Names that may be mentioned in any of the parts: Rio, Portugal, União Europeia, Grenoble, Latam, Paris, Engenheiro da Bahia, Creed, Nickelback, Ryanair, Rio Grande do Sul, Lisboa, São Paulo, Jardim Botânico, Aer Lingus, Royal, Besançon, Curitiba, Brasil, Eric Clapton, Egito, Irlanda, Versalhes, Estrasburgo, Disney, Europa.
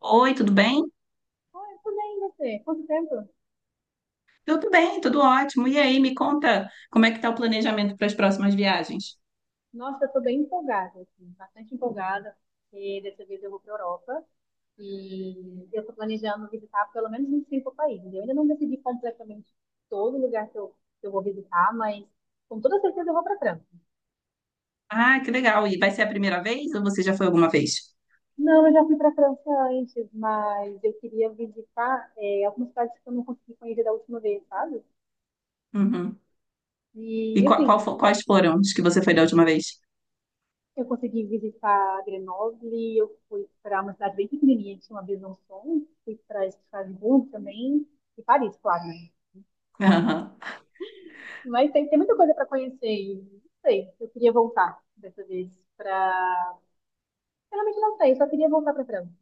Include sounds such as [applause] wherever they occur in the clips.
Oi, tudo bem? Oi, tudo bem, e você? Quanto tempo? Tudo bem, tudo ótimo. E aí, me conta como é que tá o planejamento para as próximas viagens? Nossa, eu tô bem empolgada, assim, bastante empolgada, porque dessa vez eu vou para Europa e eu tô planejando visitar pelo menos uns cinco países. Eu ainda não decidi completamente todo lugar que eu vou visitar, mas com toda certeza eu vou para França. Ah, que legal. E vai ser a primeira vez ou você já foi alguma vez? Não, eu já fui para França antes, mas eu queria visitar algumas cidades que eu não consegui conhecer da última vez, sabe? Uhum. E E assim, quais foram os que você foi da última vez? eu consegui visitar Grenoble, eu fui para uma cidade bem pequenininha que chama Besançon, fui para Estrasburgo também, e Paris, claro, né? [laughs] Aham. Mas tem muita coisa para conhecer, e não sei, eu queria voltar dessa vez para. Realmente não sei, eu só queria voltar para França.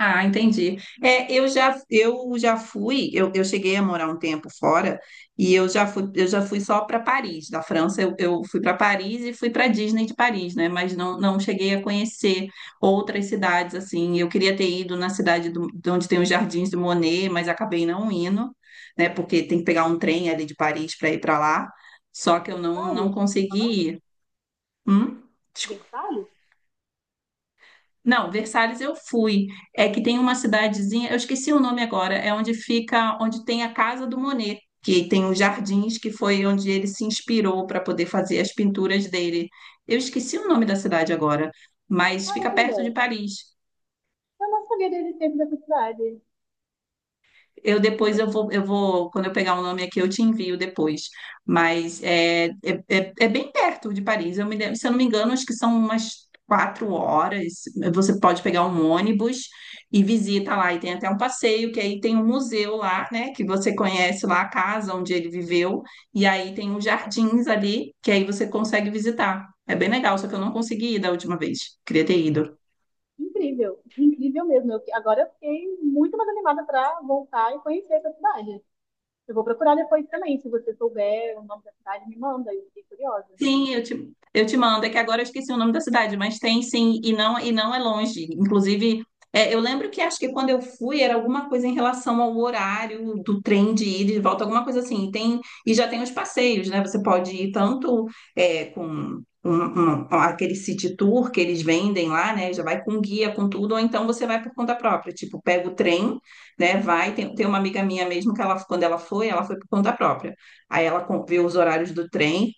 Ah, entendi. É, eu já fui, eu cheguei a morar um tempo fora e eu já fui só para Paris, da França. Eu fui para Paris e fui para Disney de Paris, né? Mas não cheguei a conhecer outras cidades assim. Eu queria ter ido na cidade de onde tem os Jardins do Monet, mas acabei não indo, né? Porque tem que pegar um trem ali de Paris para ir para lá. Só que eu Versalhes, não como você tá falando? consegui ir. Hum? Versalhes? Não, Versalhes eu fui. É que tem uma cidadezinha, eu esqueci o nome agora, é onde fica, onde tem a casa do Monet, que tem os jardins, que foi onde ele se inspirou para poder fazer as pinturas dele. Eu esqueci o nome da cidade agora, mas fica Caramba! perto de Paris. Eu não sabia da existência dessa cidade. Eu Já, depois eu vou, Quando eu pegar o nome aqui, eu te envio depois. Mas é bem perto de Paris. Se eu não me engano, acho que são umas 4 horas. Você pode pegar um ônibus e visita lá. E tem até um passeio, que aí tem um museu lá, né? Que você conhece lá a casa onde ele viveu. E aí tem uns jardins ali, que aí você consegue visitar. É bem legal, só que eu não consegui ir da última vez. Queria ter ido. incrível, incrível mesmo. Agora eu fiquei muito mais animada para voltar e conhecer essa cidade. Eu vou procurar depois também, se você souber o nome da cidade, me manda, eu fiquei curiosa. Sim, eu te mando. É que agora eu esqueci o nome da cidade, mas tem sim, e não, é longe. Inclusive, eu lembro que acho que quando eu fui era alguma coisa em relação ao horário do trem de ida e de volta, alguma coisa assim. E já tem os passeios, né? Você pode ir tanto com aquele city tour que eles vendem lá, né? Já vai com guia, com tudo, ou então você vai por conta própria. Tipo, pega o trem, né? Vai. Tem uma amiga minha mesmo que ela, quando ela foi por conta própria. Aí ela vê os horários do trem.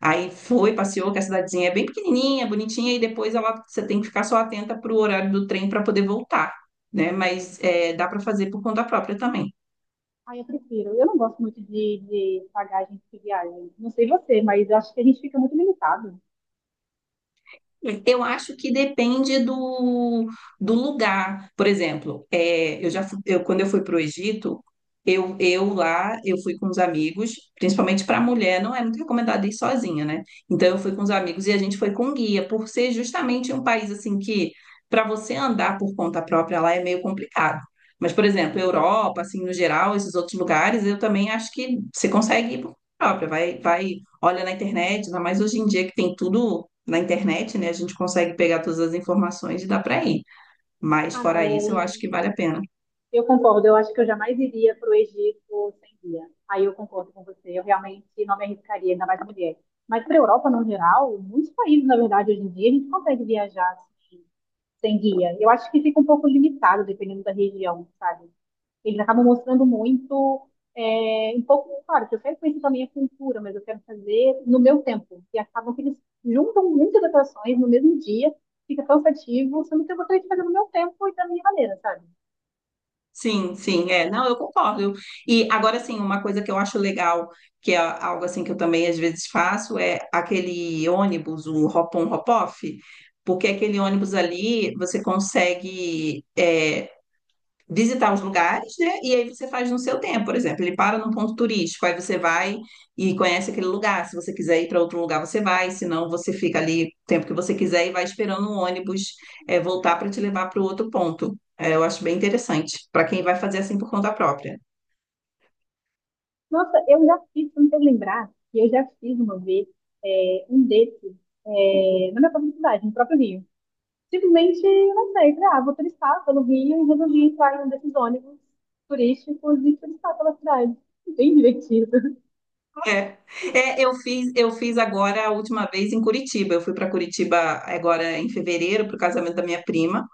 Aí foi, passeou, que a cidadezinha é bem pequenininha, bonitinha, e depois ela, você tem que ficar só atenta para o horário do trem para poder voltar, né? Mas é, dá para fazer por conta própria também. Ah, eu prefiro. Eu não gosto muito de pagar a gente que viaja. Não sei você, mas eu acho que a gente fica muito limitado. Eu acho que depende do lugar. Por exemplo, é, eu já fu- eu, quando eu fui para o Egito, eu lá eu fui com os amigos, principalmente para mulher, não é muito recomendado ir sozinha, né? Então eu fui com os amigos e a gente foi com guia, por ser justamente um país assim que para você andar por conta própria lá é meio complicado. Mas, por exemplo, Europa, assim, no geral, esses outros lugares, eu também acho que você consegue ir por conta própria, vai, vai, olha na internet, ainda mais hoje em dia que tem tudo na internet, né? A gente consegue pegar todas as informações e dá para ir. Mas Ah, não, fora isso, eu é... acho que vale a pena. eu concordo. Eu acho que eu jamais iria para o Egito sem guia. Aí eu concordo com você. Eu realmente não me arriscaria, ainda mais mulher. Mas para a Europa, no geral, muitos países, na verdade, hoje em dia, a gente consegue viajar assim, sem guia. Eu acho que fica um pouco limitado, dependendo da região, sabe? Eles acabam mostrando muito, um pouco, claro, que eu quero conhecer também a cultura, mas eu quero fazer no meu tempo. E acabam que eles juntam muitas atrações no mesmo dia, fica cansativo, sendo que eu gostaria de fazer no meu tempo e da minha maneira, sabe? Sim, sim, é. Não, eu concordo. E agora sim, uma coisa que eu acho legal, que é algo assim que eu também às vezes faço, é aquele ônibus, o hop-on, hop-off, porque aquele ônibus ali você consegue visitar os lugares, né? E aí você faz no seu tempo, por exemplo, ele para num ponto turístico, aí você vai e conhece aquele lugar. Se você quiser ir para outro lugar, você vai, se não, você fica ali o tempo que você quiser e vai esperando um ônibus voltar para te levar para o outro ponto. É, eu acho bem interessante para quem vai fazer assim por conta própria. Nossa, eu já fiz, se não quero lembrar, que eu já fiz uma vez um desses na minha própria cidade, no próprio Rio. Simplesmente, eu não sei, falei, ah, vou turistar pelo Rio e resolvi entrar em um desses ônibus turísticos e turistar pela cidade. Bem divertido. É, eu fiz agora a última vez em Curitiba. Eu fui para Curitiba agora em fevereiro para o casamento da minha prima.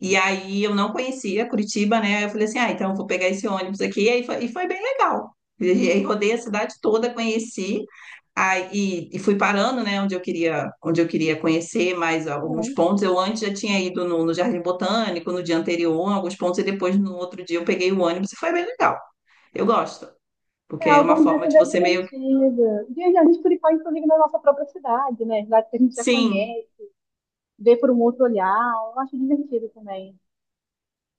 E aí eu não conhecia Curitiba, né? Eu falei assim, ah, então eu vou pegar esse ônibus aqui. E aí foi, e foi bem legal. E aí rodei a cidade toda, conheci, aí, e fui parando, né, onde eu queria conhecer mais alguns [laughs] pontos. Eu antes já tinha ido no Jardim Botânico no dia anterior, em alguns pontos, e depois no outro dia eu peguei o ônibus e foi bem legal. Eu gosto, É, porque é uma alguns forma desses de é você meio que. divertido. E a gente clicar, inclusive, na nossa própria cidade, né? Cidade que a gente já Sim. conhece, ver por um outro olhar. Eu acho divertido também.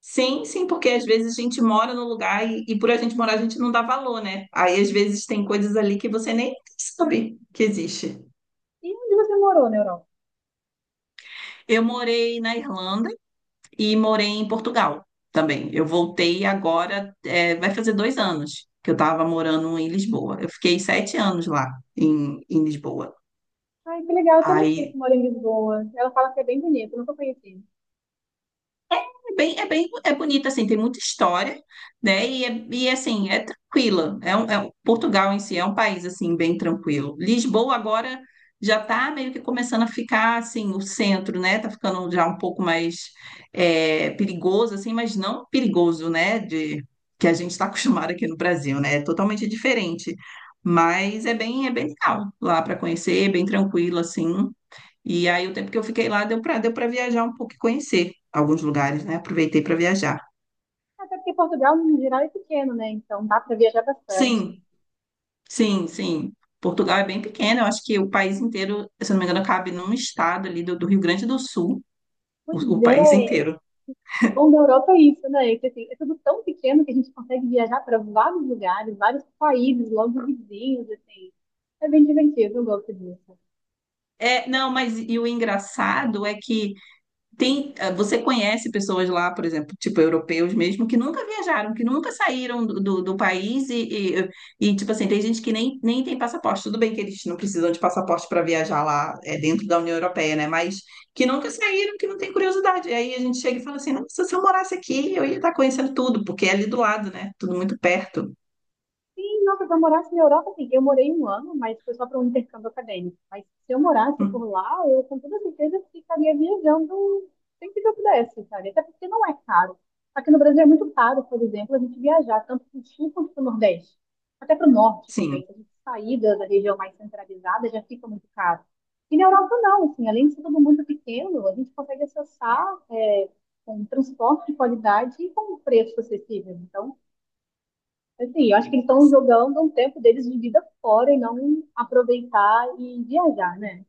Sim, sim, porque às vezes a gente mora no lugar e por a gente morar a gente não dá valor, né? Aí às vezes tem coisas ali que você nem sabe que existe. E onde você morou na Europa? Eu morei na Irlanda e morei em Portugal também. Eu voltei agora, vai fazer 2 anos que eu estava morando em Lisboa. Eu fiquei 7 anos lá em Lisboa. Ai, que legal. Eu tenho uma tia que Aí mora em Lisboa. Ela fala que é bem bonito, eu nunca conheci. É bonita, assim, tem muita história, né? E assim, é tranquila. Portugal em si é um país, assim, bem tranquilo. Lisboa agora já está meio que começando a ficar, assim, o centro, né? Tá ficando já um pouco mais perigoso, assim, mas não perigoso, né? Que a gente está acostumado aqui no Brasil, né? É totalmente diferente. Mas é bem legal lá para conhecer, bem tranquilo, assim. E aí o tempo que eu fiquei lá deu para viajar um pouco e conhecer alguns lugares, né? Aproveitei para viajar. Até porque Portugal, no geral, é pequeno, né? Então dá para viajar bastante. Sim, sim, sim. Portugal é bem pequeno, eu acho que o país inteiro, se eu não me engano, cabe num estado ali do Rio Grande do Sul, o, Pois o país é. inteiro. O bom da Europa é isso, né? Que, assim, é tudo tão pequeno que a gente consegue viajar para vários lugares, vários países, logo vizinhos, assim. É bem divertido, eu gosto disso. É, não, mas e o engraçado é que. Você conhece pessoas lá, por exemplo, tipo europeus mesmo, que nunca viajaram, que nunca saíram do país tipo assim, tem gente que nem tem passaporte. Tudo bem que eles não precisam de passaporte para viajar lá, dentro da União Europeia, né? Mas que nunca saíram, que não tem curiosidade. E aí a gente chega e fala assim: nossa, se eu morasse aqui, eu ia estar conhecendo tudo, porque é ali do lado, né? Tudo muito perto. Sim, nossa, se eu morasse na Europa, sim. Eu morei um ano, mas foi só para um intercâmbio acadêmico. Mas se eu morasse por Hum. lá, eu com toda certeza ficaria viajando sempre que eu pudesse, sabe? Até porque não é caro. Aqui no Brasil é muito caro, por exemplo, a gente viajar tanto para o sul quanto para o nordeste. Até para o norte Sim. também. Se a gente sair da região mais centralizada, já fica muito caro. E na Europa não, assim, além de ser tudo muito pequeno, a gente consegue acessar com transporte de qualidade e com preço acessível. Então, assim, eu acho que eles estão jogando um tempo deles de vida fora e não aproveitar e viajar, né?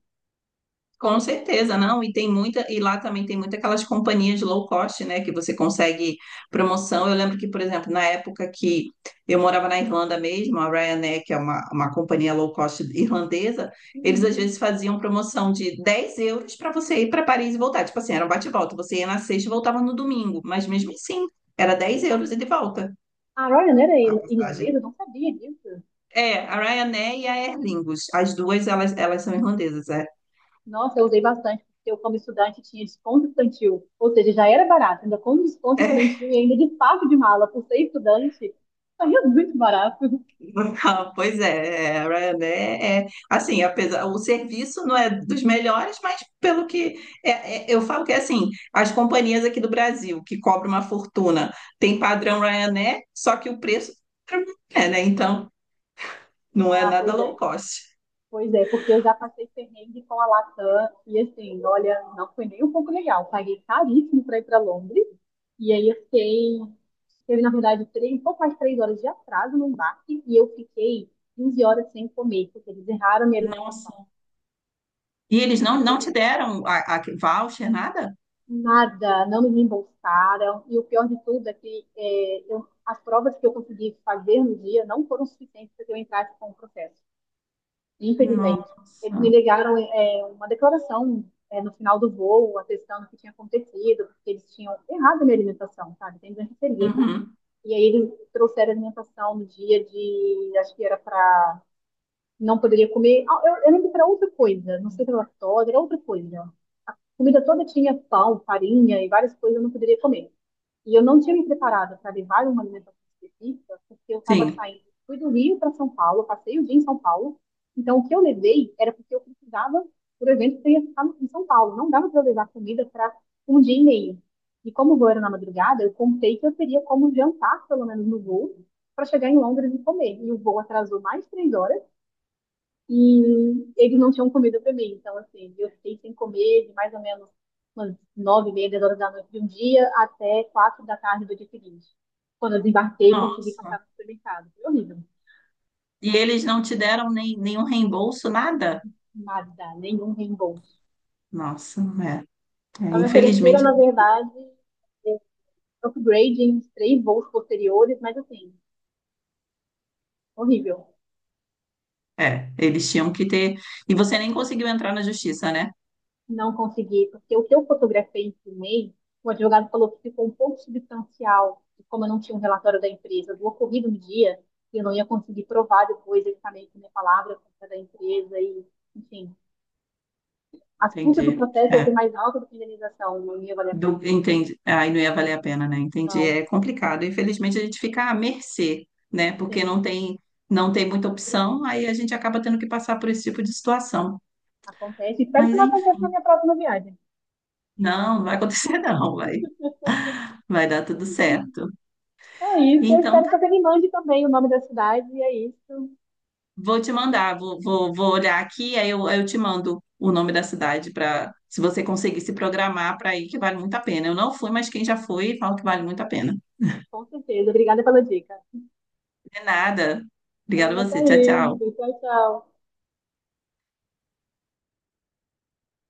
Com certeza, não. E lá também tem muitas aquelas companhias low cost, né? Que você consegue promoção. Eu lembro que, por exemplo, na época que eu morava na Irlanda mesmo, a Ryanair, que é uma companhia low cost irlandesa, eles Uhum. às vezes faziam promoção de 10 euros para você ir para Paris e voltar. Tipo assim, era um bate-volta. Você ia na sexta e voltava no domingo. Mas mesmo assim, era 10 euros e de volta A Royal era a passagem. irlandesa, eu não sabia disso. É, a Ryanair e a Aer Lingus. As duas, elas são irlandesas, é. Nossa, eu usei bastante, porque eu, como estudante, tinha desconto estudantil. Ou seja, já era barato, ainda com desconto [laughs] estudantil e ainda de fato de mala, por ser estudante, saía muito barato. [laughs] Ah, Pois é, a Ryanair é, assim, apesar, o serviço não é dos melhores, mas pelo que é, eu falo que é assim, as companhias aqui do Brasil que cobram uma fortuna tem padrão Ryanair, só que o preço é, né? Então não é Ah, nada pois low é. cost. Pois é, porque eu já passei perrengue com a Latam e assim, olha, não foi nem um pouco legal. Paguei caríssimo para ir para Londres e aí eu fiquei, teve na verdade três, um pouco mais de três horas de atraso no embarque e eu fiquei 15 horas sem comer, porque eles erraram minha alimentação. Nossa. E eles não te Horrível. deram a voucher, nada? Nada, não me reembolsaram e o pior de tudo é que as provas que eu consegui fazer no dia não foram suficientes para que eu entrasse com o processo. Infelizmente. Eles Nossa. me ligaram uma declaração no final do voo, atestando o que tinha acontecido, porque eles tinham errado a minha alimentação, sabe? Tem doença celíaca. Uhum, E aí eles trouxeram alimentação no dia de. Acho que era para. Não poderia comer. Eu lembro que era outra coisa, não sei se era lactose, era outra coisa. Comida toda tinha pão, farinha e várias coisas eu não poderia comer. E eu não tinha me preparado para levar uma alimentação específica, porque eu estava sim. saindo, fui do Rio para São Paulo, passei o dia em São Paulo. Então, o que eu levei era porque eu precisava, por exemplo, que eu ia ficar em São Paulo. Não dava para eu levar comida para um dia e meio. E como o voo era na madrugada, eu contei que eu teria como jantar, pelo menos no voo, para chegar em Londres e comer. E o voo atrasou mais três horas. E eles não tinham comida pra mim. Então, assim, eu fiquei sem comer de mais ou menos umas nove e meia, dez horas da noite de um dia até quatro da tarde do dia seguinte. Quando eu desembarquei, consegui passar Nossa. no supermercado. Foi horrível. E eles não te deram nem, nenhum reembolso, nada? Nada, nenhum reembolso. Nossa, Só me ofereceram, infelizmente. na verdade, eh, upgrade em três voos posteriores, mas assim, horrível. É, eles tinham que ter. E você nem conseguiu entrar na justiça, né? Não consegui, porque o que eu fotografei e filmei, o advogado falou que ficou um pouco substancial, e como eu não tinha um relatório da empresa do ocorrido no dia, eu não ia conseguir provar depois exatamente a minha palavra contra a da empresa e, enfim, as custas do Entendi. processo ia ser É, mais alta do que a indenização, não ia valer a pena. Entendi. Aí não ia valer a pena, né? Entendi. Não, É complicado. Infelizmente a gente fica à mercê, né? Porque sim, não tem muita opção, aí a gente acaba tendo que passar por esse tipo de situação. acontece. Espero que Mas não aconteça enfim, na minha próxima viagem. não, não vai acontecer, [laughs] não. Vai dar tudo certo. Então é isso, eu Então espero que você me mande também o nome da cidade, e é isso, vou te mandar, vou olhar aqui, aí eu te mando o nome da cidade para se você conseguir se programar para ir, que vale muito a pena. Eu não fui, mas quem já foi, fala que vale muito a pena. com certeza. Obrigada pela dica. De nada. Obrigada Então, a até você. Tchau, tchau. isso, tchau, tchau.